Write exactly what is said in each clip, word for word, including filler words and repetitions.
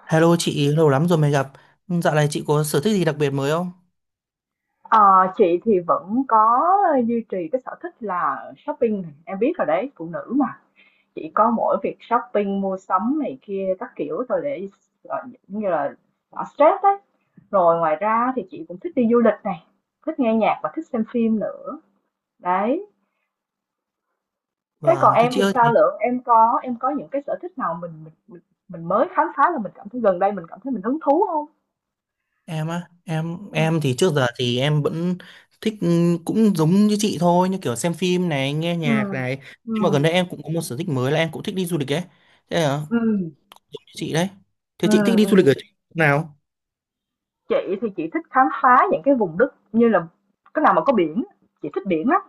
Hello chị, lâu lắm rồi mới gặp. Ừ, dạo này chị có sở thích gì đặc biệt mới không? Ờ, chị thì vẫn có duy trì cái sở thích là shopping này, em biết rồi đấy, phụ nữ mà. Chỉ có mỗi việc shopping, mua sắm này kia các kiểu thôi để ờ, giống như là xả stress đấy. Rồi ngoài ra thì chị cũng thích đi du lịch này, thích nghe nhạc và thích xem phim nữa. Đấy. Thế còn Vâng, thế em chị thì ơi, sao thì Lượng? Em có em có những cái sở thích nào mình mình mình, mình mới khám phá là mình cảm thấy gần đây mình cảm thấy mình hứng thú không? em á, em Ừ. em thì trước giờ thì em vẫn thích ừ, cũng giống như chị thôi, như kiểu xem phim này, nghe Ừ. nhạc này. Ừ. Nhưng mà gần đây em cũng có một sở thích mới là em cũng thích đi du lịch ấy. Thế à, Ừ. giống như chị đấy. Thế Ừ. chị thích đi du Ừ. lịch ở chỗ nào? Chị thì chị thích khám phá những cái vùng đất như là cái nào mà có biển, chị thích biển lắm.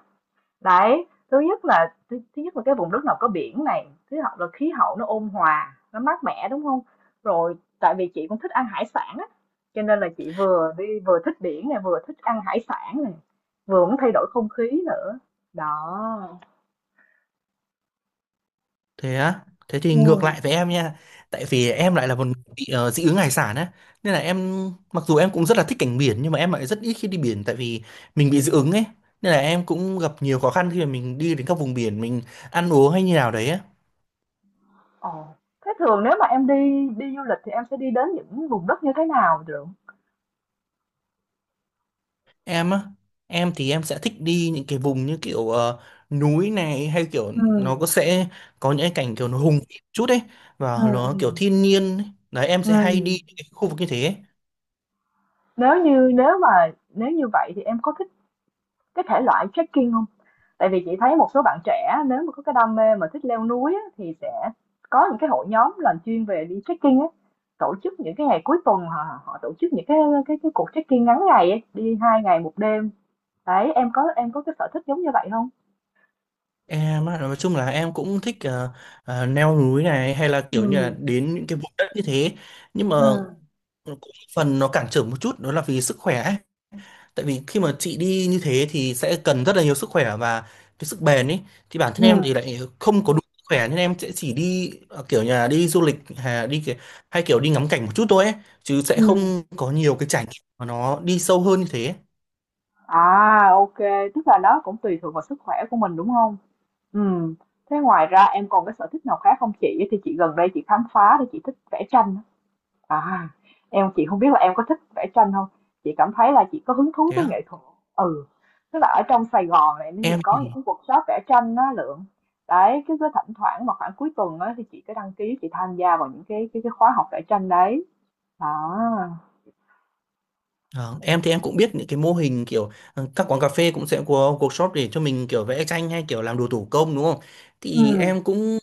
Đấy, thứ nhất là thứ, thứ nhất là cái vùng đất nào có biển này, thứ hai là khí hậu nó ôn hòa, nó mát mẻ đúng không? Rồi tại vì chị cũng thích ăn hải sản á, cho nên là chị vừa đi vừa thích biển này, vừa thích ăn hải sản này, vừa muốn thay đổi không khí nữa. Đó. Thế á, thế thì Ừ. ngược lại với em nha. Tại vì em lại là một người bị ờ, dị ứng hải sản á. Nên là em, mặc dù em cũng rất là thích cảnh biển nhưng mà em lại rất ít khi đi biển, tại vì mình bị dị ứng ấy. Nên là em cũng gặp nhiều khó khăn khi mà mình đi đến các vùng biển mình ăn uống hay như nào đấy á. Ồ. Thế thường nếu mà em đi đi du lịch thì em sẽ đi đến những vùng đất như thế nào được? Em á, em thì em sẽ thích đi những cái vùng như kiểu ờ, núi này, hay kiểu Ừ. nó có sẽ có những cái cảnh kiểu nó hùng vĩ chút ấy Ừ. và nó kiểu Ừ. thiên nhiên ấy. Đấy, em Ừ. sẽ hay đi những cái khu vực như thế ấy. Nếu như nếu mà nếu như vậy thì em có thích cái thể loại trekking không? Tại vì chị thấy một số bạn trẻ nếu mà có cái đam mê mà thích leo núi á, thì sẽ có những cái hội nhóm làm chuyên về đi trekking á, tổ chức những cái ngày cuối tuần họ họ tổ chức những cái cái cái cuộc trekking ngắn ngày ấy, đi hai ngày một đêm. Đấy, em có em có cái sở thích giống như vậy không? Em á, nói chung là em cũng thích ờ, ờ, leo núi này hay là kiểu như là Ừ. đến những cái vùng đất như thế, nhưng mà Ừ. cũng phần nó cản trở một chút đó là vì sức khỏe ấy. Tại vì khi mà chị đi như thế thì sẽ cần rất là nhiều sức khỏe và cái sức bền ấy, thì bản Ừ. thân em thì lại không có đủ sức khỏe nên em sẽ chỉ đi ờ, kiểu như là đi du lịch hay đi cái- hay kiểu đi ngắm cảnh một chút thôi ấy, chứ sẽ ừm. không có nhiều cái trải nghiệm mà nó đi sâu hơn như thế. À, ô, tức là nó cũng tùy thuộc vào sức khỏe của mình, đúng không? Ừm, thế ngoài ra em còn cái sở thích nào khác không chị? Thì chị gần đây chị khám phá thì chị thích vẽ tranh á. À, em chị không biết là em có thích vẽ tranh không? Chị cảm thấy là chị có hứng thú thế với á nghệ thuật. Ừ, tức là ở trong Sài Gòn này thì em có những thì cái workshop vẽ tranh á Lượng. Đấy, cứ cứ thỉnh thoảng mà khoảng cuối tuần á thì chị cứ đăng ký chị tham gia vào những cái cái, cái khóa học vẽ tranh đấy. Đó. Ờ, em thì em cũng biết những cái mô hình kiểu ờ, các quán cà phê cũng sẽ có workshop để cho mình kiểu vẽ tranh hay kiểu làm đồ thủ công đúng không? Ừ. Thì em cũng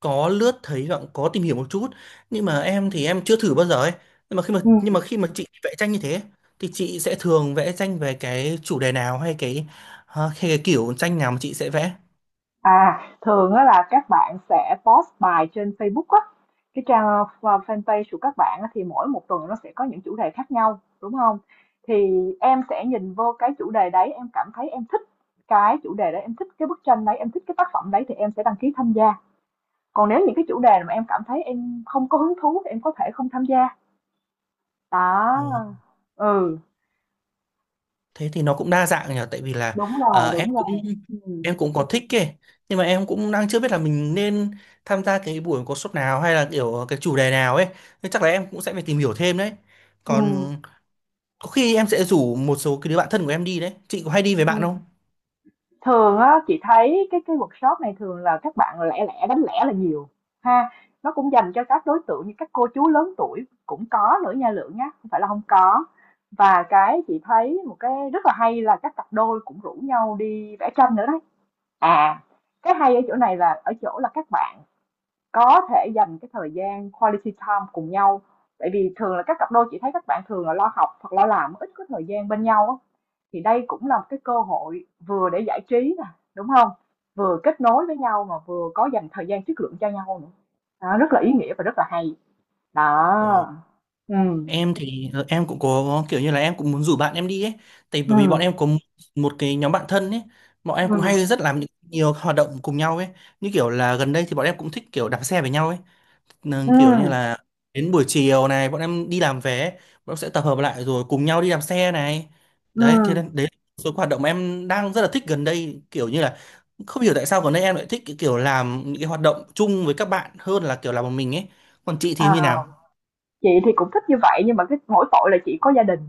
có lướt thấy và cũng có tìm hiểu một chút, nhưng mà em thì em chưa thử bao giờ ấy. Nhưng mà khi mà Ừ. nhưng mà khi mà chị vẽ tranh như thế thì chị sẽ thường vẽ tranh về cái chủ đề nào, hay cái ờ, hay cái kiểu tranh nào mà chị sẽ vẽ? À, thường á là các bạn sẽ post bài trên Facebook á, cái trang ờ, fanpage của các bạn á, thì mỗi một tuần nó sẽ có những chủ đề khác nhau, đúng không? Thì em sẽ nhìn vô cái chủ đề đấy, em cảm thấy em thích cái chủ đề đấy, em thích cái bức tranh đấy, em thích cái tác phẩm đấy thì em sẽ đăng ký tham gia. Còn nếu những cái chủ đề mà em cảm thấy em không có hứng thú thì em có thể không tham gia. Đó. Ừ, Thế thì nó cũng đa dạng nhỉ, tại vì là đúng rồi, ờ, em đúng cũng rồi. Ừ. em cũng có thích kì, nhưng mà em cũng đang chưa biết là mình nên tham gia cái buổi workshop nào hay là kiểu cái chủ đề nào ấy, nên chắc là em cũng sẽ phải tìm hiểu thêm đấy. Ừ. Còn có khi em sẽ rủ một số cái đứa bạn thân của em đi đấy. Chị có hay đi với bạn không? Ừ. Thường á chị thấy cái cái workshop này thường là các bạn lẻ lẻ đánh lẻ là nhiều, ha, nó cũng dành cho các đối tượng như các cô chú lớn tuổi cũng có nữa nha Lượng nhá, không phải là không có. Và cái chị thấy một cái rất là hay là các cặp đôi cũng rủ nhau đi vẽ tranh nữa đấy. À, cái hay ở chỗ này là ở chỗ là các bạn có thể dành cái thời gian quality time cùng nhau, tại vì thường là các cặp đôi chị thấy các bạn thường là lo học hoặc lo làm, ít có thời gian bên nhau á. Thì đây cũng là một cái cơ hội vừa để giải trí nè, đúng không? Vừa kết nối với nhau mà vừa có dành thời gian chất lượng cho nhau nữa. Đó, rất là ý nghĩa và rất là hay. Đó. Ồ, Ừm, em thì ờ, em cũng có kiểu như là em cũng muốn rủ bạn em đi ấy, tại bởi vì bọn ừm, em có m- một cái nhóm bạn thân ấy. Bọn em cũng ừm, hay rất làm những nhiều hoạt động cùng nhau ấy, như kiểu là gần đây thì bọn em cũng thích kiểu đạp xe với nhau ấy. Nên kiểu ừm, như là đến buổi chiều này bọn em đi làm về, bọn em sẽ tập hợp lại rồi cùng nhau đi làm xe này. Đấy, thế ừm. nên đấy là một số hoạt động em đang rất là thích gần đây, kiểu như là không hiểu tại sao gần đây em lại thích cái kiểu làm những cái hoạt động chung với các bạn hơn là kiểu làm một mình ấy. Còn chị Ờ, thì như nào? chị thì cũng thích như vậy nhưng mà cái mỗi tội là chị có gia đình,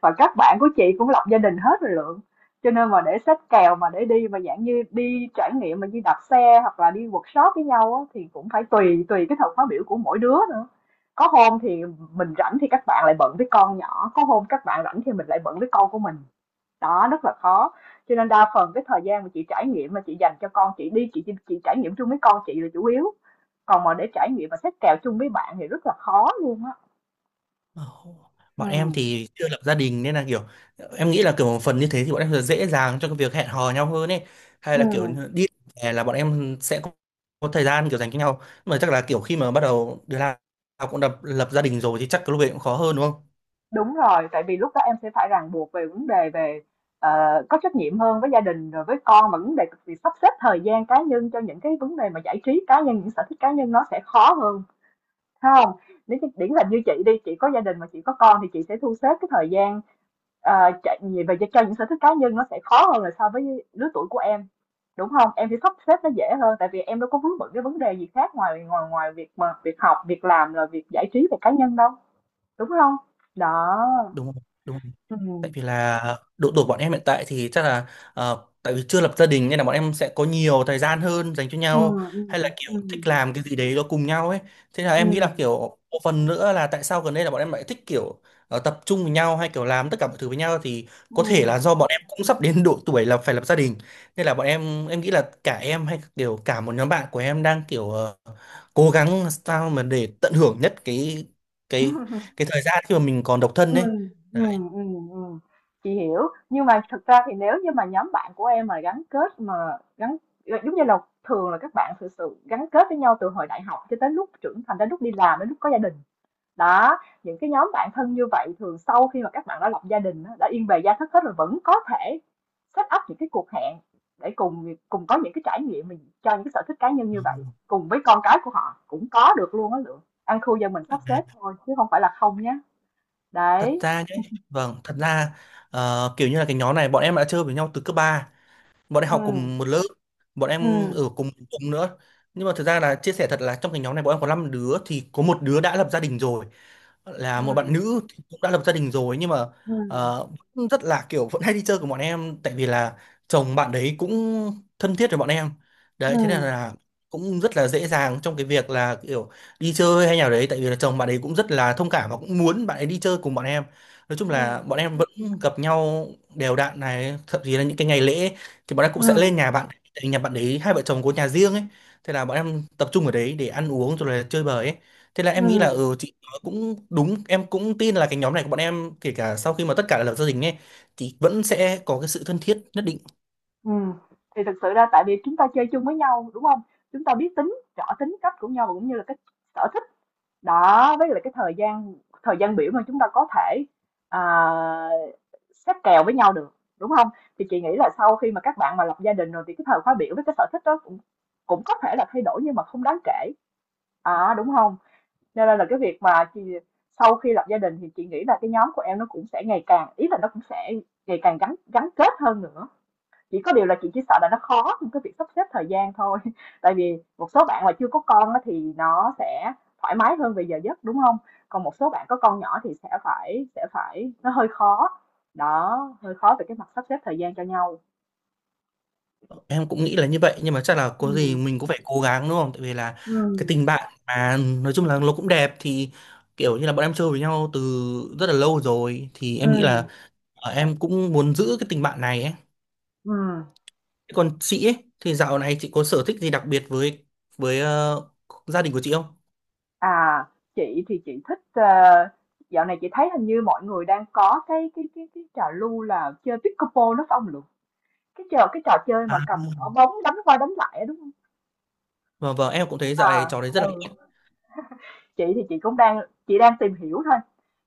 và các bạn của chị cũng lập gia đình hết rồi Lượng. Cho nên mà để xách kèo mà để đi mà dạng như đi trải nghiệm mà như đạp xe hoặc là đi workshop với nhau á, thì cũng phải tùy tùy cái thời khóa biểu của mỗi đứa nữa. Có hôm thì mình rảnh thì các bạn lại bận với con nhỏ, có hôm các bạn rảnh thì mình lại bận với con của mình. Đó, rất là khó. Cho nên đa phần cái thời gian mà chị trải nghiệm mà chị dành cho con chị đi, chị chị trải nghiệm chung với con chị là chủ yếu. Còn mà để trải nghiệm mà xách kèo chung với bạn thì rất là khó luôn á. Ồ, Ừ. bọn em thì chưa lập gia đình, nên là kiểu em nghĩ là kiểu một phần như thế thì bọn em sẽ dễ dàng cho cái việc hẹn hò nhau hơn ấy, hay Ừ. là kiểu đi hè là bọn em sẽ có, có thời gian kiểu dành cho nhau. Nhưng mà chắc là kiểu khi mà bắt đầu đứa nào cũng lập, lập gia đình rồi thì chắc cái lúc ấy cũng khó hơn, đúng không? Đúng rồi, tại vì lúc đó em sẽ phải ràng buộc về vấn đề về, ờ, có trách nhiệm hơn với gia đình rồi với con, và vấn đề việc sắp xếp thời gian cá nhân cho những cái vấn đề mà giải trí cá nhân, những sở thích cá nhân nó sẽ khó hơn, phải không? Nếu như điển hình như chị đi, chị có gia đình mà chị có con thì chị sẽ thu xếp cái thời gian, ờ, chạy về về cho những sở thích cá nhân nó sẽ khó hơn là so với lứa tuổi của em, đúng không? Em sẽ sắp xếp nó dễ hơn, tại vì em đâu có vướng bận cái vấn đề gì khác ngoài ngoài ngoài việc mà việc học, việc làm, rồi việc giải trí về cá nhân đâu, đúng không? Đó, Đúng không? Đúng. ừm. Tại vì là độ tuổi bọn em hiện tại thì chắc là ờ, tại vì chưa lập gia đình nên là bọn em sẽ có nhiều thời gian hơn dành cho nhau, Ừm, hay là ừm, kiểu ừm, thích làm cái gì đấy đó cùng nhau ấy. Thế là em nghĩ ừm, là kiểu một phần nữa là tại sao gần đây là bọn em lại thích kiểu ờ, tập trung với nhau hay kiểu làm tất cả mọi thứ với nhau, thì có ừm, thể ừm, là do bọn em cũng sắp đến độ tuổi là phải lập gia đình, nên là bọn em em nghĩ là cả em hay kiểu cả một nhóm bạn của em đang kiểu ờ, cố gắng sao mà để tận hưởng nhất cái cái cái thời gian khi mà mình còn độc thân ấy. ừm, ừm, ừm. Chị hiểu, nhưng mà thực ra thì nếu như mà nhóm bạn của em mà gắn kết mà gắn giống như là thường là các bạn thực sự gắn kết với nhau từ hồi đại học cho tới lúc trưởng thành đến lúc đi làm đến lúc có gia đình. Đó, những cái nhóm bạn thân như vậy thường sau khi mà các bạn đã lập gia đình đã yên bề gia thất hết rồi vẫn có thể set up những cái cuộc hẹn để cùng cùng có những cái trải nghiệm mình cho những cái sở thích cá nhân Đấy. như vậy cùng với con cái của họ cũng có được luôn á Lượng, ăn khu do mình sắp xếp thôi chứ không phải là không nhé. Thật Đấy. ra nhé, vâng, thật ra ờ, kiểu như là cái nhóm này bọn em đã chơi với nhau từ cấp ba, bọn em Ừ. học cùng một lớp, bọn em ở Ừ. cùng cùng nữa. Nhưng mà thực ra là chia sẻ thật là trong cái nhóm này bọn em có năm đứa thì có một đứa đã lập gia đình rồi, là một bạn ừ. nữ thì cũng đã lập gia đình rồi, nhưng mà ừ ờ, vẫn rất là kiểu vẫn hay đi chơi của bọn em, tại vì là chồng bạn đấy cũng thân thiết với bọn em. ừ Đấy, thế nên là cũng rất là dễ dàng trong cái việc là kiểu đi chơi hay nào đấy, tại vì là chồng bạn ấy cũng rất là thông cảm và cũng muốn bạn ấy đi chơi cùng bọn em. Nói chung là ừ bọn em vẫn gặp nhau đều đặn này, thậm chí là những cái ngày lễ thì bọn em cũng sẽ lên ừ nhà bạn, tại vì nhà bạn đấy hai vợ chồng có nhà riêng ấy, thế là bọn em tập trung ở đấy để ăn uống rồi là chơi bời ấy. Thế là em nghĩ là ừ, ừ chị cũng đúng, em cũng tin là cái nhóm này của bọn em kể cả sau khi mà tất cả đã lập gia đình ấy thì vẫn sẽ có cái sự thân thiết nhất định. Ừ. Thì thực sự ra tại vì chúng ta chơi chung với nhau đúng không? Chúng ta biết tính, rõ tính cách của nhau và cũng như là cái sở thích đó với lại cái thời gian thời gian biểu mà chúng ta có thể à, xếp kèo với nhau được đúng không? Thì chị nghĩ là sau khi mà các bạn mà lập gia đình rồi thì cái thời khóa biểu với cái sở thích đó cũng cũng có thể là thay đổi nhưng mà không đáng kể, à, đúng không? Cho nên là là cái việc mà chị, sau khi lập gia đình thì chị nghĩ là cái nhóm của em nó cũng sẽ ngày càng, ý là nó cũng sẽ ngày càng gắn gắn kết hơn nữa. Chỉ có điều là chị chỉ sợ là nó khó trong cái việc sắp xếp thời gian thôi. Tại vì một số bạn mà chưa có con thì nó sẽ thoải mái hơn về giờ giấc, đúng không? Còn một số bạn có con nhỏ thì sẽ phải sẽ phải nó hơi khó. Đó, hơi khó về cái mặt sắp xếp thời gian cho nhau. Em cũng nghĩ là như vậy, nhưng mà chắc là có Ừ, gì mình cũng phải cố gắng, đúng không? Tại vì là cái ừ, tình bạn mà, nói chung là nó cũng đẹp, thì kiểu như là bọn em chơi với nhau từ rất là lâu rồi, thì ừ, em nghĩ là ờ, em cũng muốn giữ cái tình bạn này ấy. ừm. Thế còn chị ấy, thì dạo này chị có sở thích gì đặc biệt với với ờ, gia đình của chị không? À, chị thì chị thích, ờ dạo này chị thấy hình như mọi người đang có cái cái cái cái trào lưu là chơi pickleball đó phải hông Lượng? Cái trò cái trò chơi À, mà cầm quả vâng, bóng đánh qua đánh lại á, đúng không? vâng, vâng, em cũng thấy dạo À, này trò đấy rất là. ừ. Chị thì chị cũng đang chị đang tìm hiểu thôi,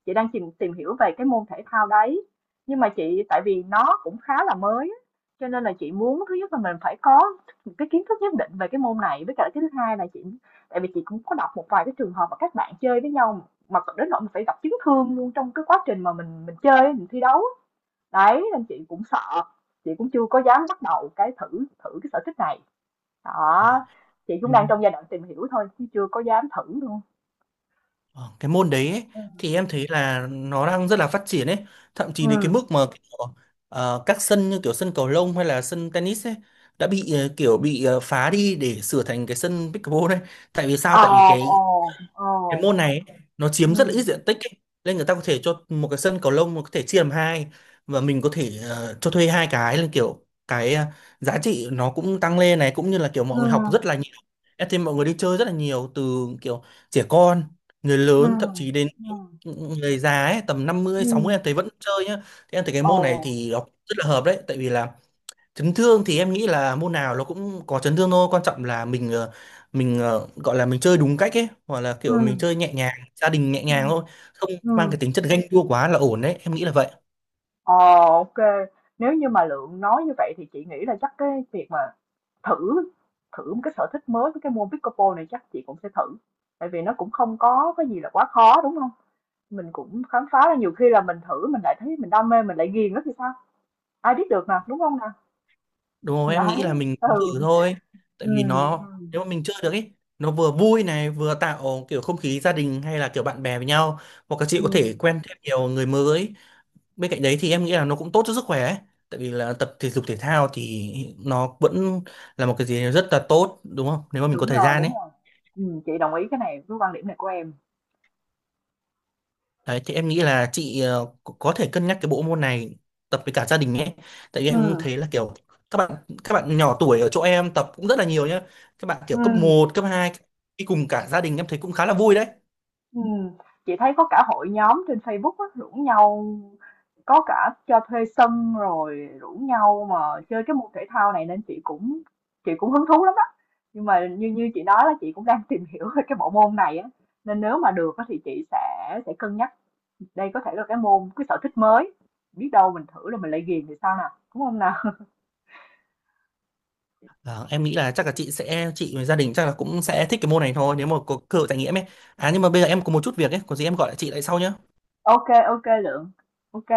chị đang tìm tìm hiểu về cái môn thể thao đấy. Nhưng mà chị tại vì nó cũng khá là mới á, cho nên là chị muốn thứ nhất là mình phải có một cái kiến thức nhất định về cái môn này với cả cái thứ hai là chị tại vì chị cũng có đọc một vài cái trường hợp mà các bạn chơi với nhau mà đến nỗi mình phải gặp chấn thương luôn trong cái quá trình mà mình mình chơi mình thi đấu. Đấy nên chị cũng sợ, chị cũng chưa có dám bắt đầu cái thử thử cái sở thích này. Đó, chị Ờ. cũng đang trong giai đoạn tìm hiểu thôi chứ chưa có dám thử luôn. Ờ, cái môn đấy ấy, thì em thấy là nó đang rất là phát triển ấy, thậm chí đến cái mức Ừ. mà kiểu, ờ, các sân như kiểu sân cầu lông hay là sân tennis ấy đã bị ờ, kiểu bị ờ, phá đi để sửa thành cái sân pickleball đấy. Tại vì sao? Ờ, Tại vì ờ, cái ờ, cái môn này ấy, nó chiếm rất là ít ừm, diện tích ấy. Nên người ta có thể cho một cái sân cầu lông mà có thể chia làm hai, và mình có thể ờ, cho thuê hai cái, là kiểu cái ờ, giá trị nó cũng tăng lên này, cũng như là kiểu mọi người học rất ừm, là nhiều. Em thấy mọi người đi chơi rất là nhiều, từ kiểu trẻ con, người lớn, thậm ừm, chí đến ừm, người già ấy, tầm năm mươi sáu mươi ừm, em thấy vẫn chơi nhá. Thì em thấy cái ờ, môn này thì nó rất là hợp đấy, tại vì là chấn thương thì em nghĩ là môn nào nó cũng có chấn thương thôi, quan trọng là mình ờ, mình ờ, gọi là mình chơi đúng cách ấy, hoặc là kiểu mình ừm, chơi nhẹ nhàng, gia đình nhẹ nhàng ừm, thôi, không mang ừm, cái tính chất ganh đua quá là ổn đấy, em nghĩ là vậy. ờ, OK. Nếu như mà Lượng nói như vậy thì chị nghĩ là chắc cái việc mà thử thử một cái sở thích mới với cái môn pickleball này chắc chị cũng sẽ thử. Tại vì nó cũng không có cái gì là quá khó đúng không? Mình cũng khám phá ra nhiều khi là mình thử mình lại thấy mình đam mê mình lại ghiền nó thì sao? Ai biết được nè, đúng không nè? Đúng không? Em nghĩ là Đấy, mình cứ thử ừ, thôi, ừ, tại vì nó ừ, nếu mà mình chơi được ấy, nó vừa vui này, vừa tạo kiểu không khí gia đình hay là kiểu bạn bè với nhau, hoặc các chị có thể ừm. quen thêm nhiều người mới. Bên cạnh đấy thì em nghĩ là nó cũng tốt cho sức khỏe ấy. Tại vì là tập thể dục thể thao thì nó vẫn là một cái gì rất là tốt, đúng không, nếu mà mình có Đúng thời rồi, gian đúng ấy. rồi. Ừm, chị đồng ý cái này với quan điểm này của em. Đấy, thì em nghĩ là chị ờ, có có thể cân nhắc cái bộ môn này, tập với cả gia đình ấy. Tại vì em Ừm, thấy là kiểu các bạn các bạn nhỏ tuổi ở chỗ em tập cũng rất là nhiều nhá, các bạn kiểu cấp ừm, một cấp hai đi cùng cả gia đình em thấy cũng khá là vui đấy. ừm. Chị thấy có cả hội nhóm trên Facebook á, rủ nhau có cả cho thuê sân rồi rủ nhau mà chơi cái môn thể thao này nên chị cũng chị cũng hứng thú lắm đó. Nhưng mà như như chị nói là chị cũng đang tìm hiểu về cái bộ môn này á, nên nếu mà được á thì chị sẽ sẽ cân nhắc đây có thể là cái môn, cái sở thích mới. Biết đâu mình thử rồi mình lại ghiền thì sao nào, đúng không nào? Ờ, em nghĩ là chắc là chị sẽ chị và gia đình chắc là cũng sẽ thích cái môn này thôi, nếu mà có cơ hội trải nghiệm ấy. À, nhưng mà bây giờ em có một chút việc ấy, có gì em gọi lại chị lại sau nhá. Ok, ok Lượng. Ok.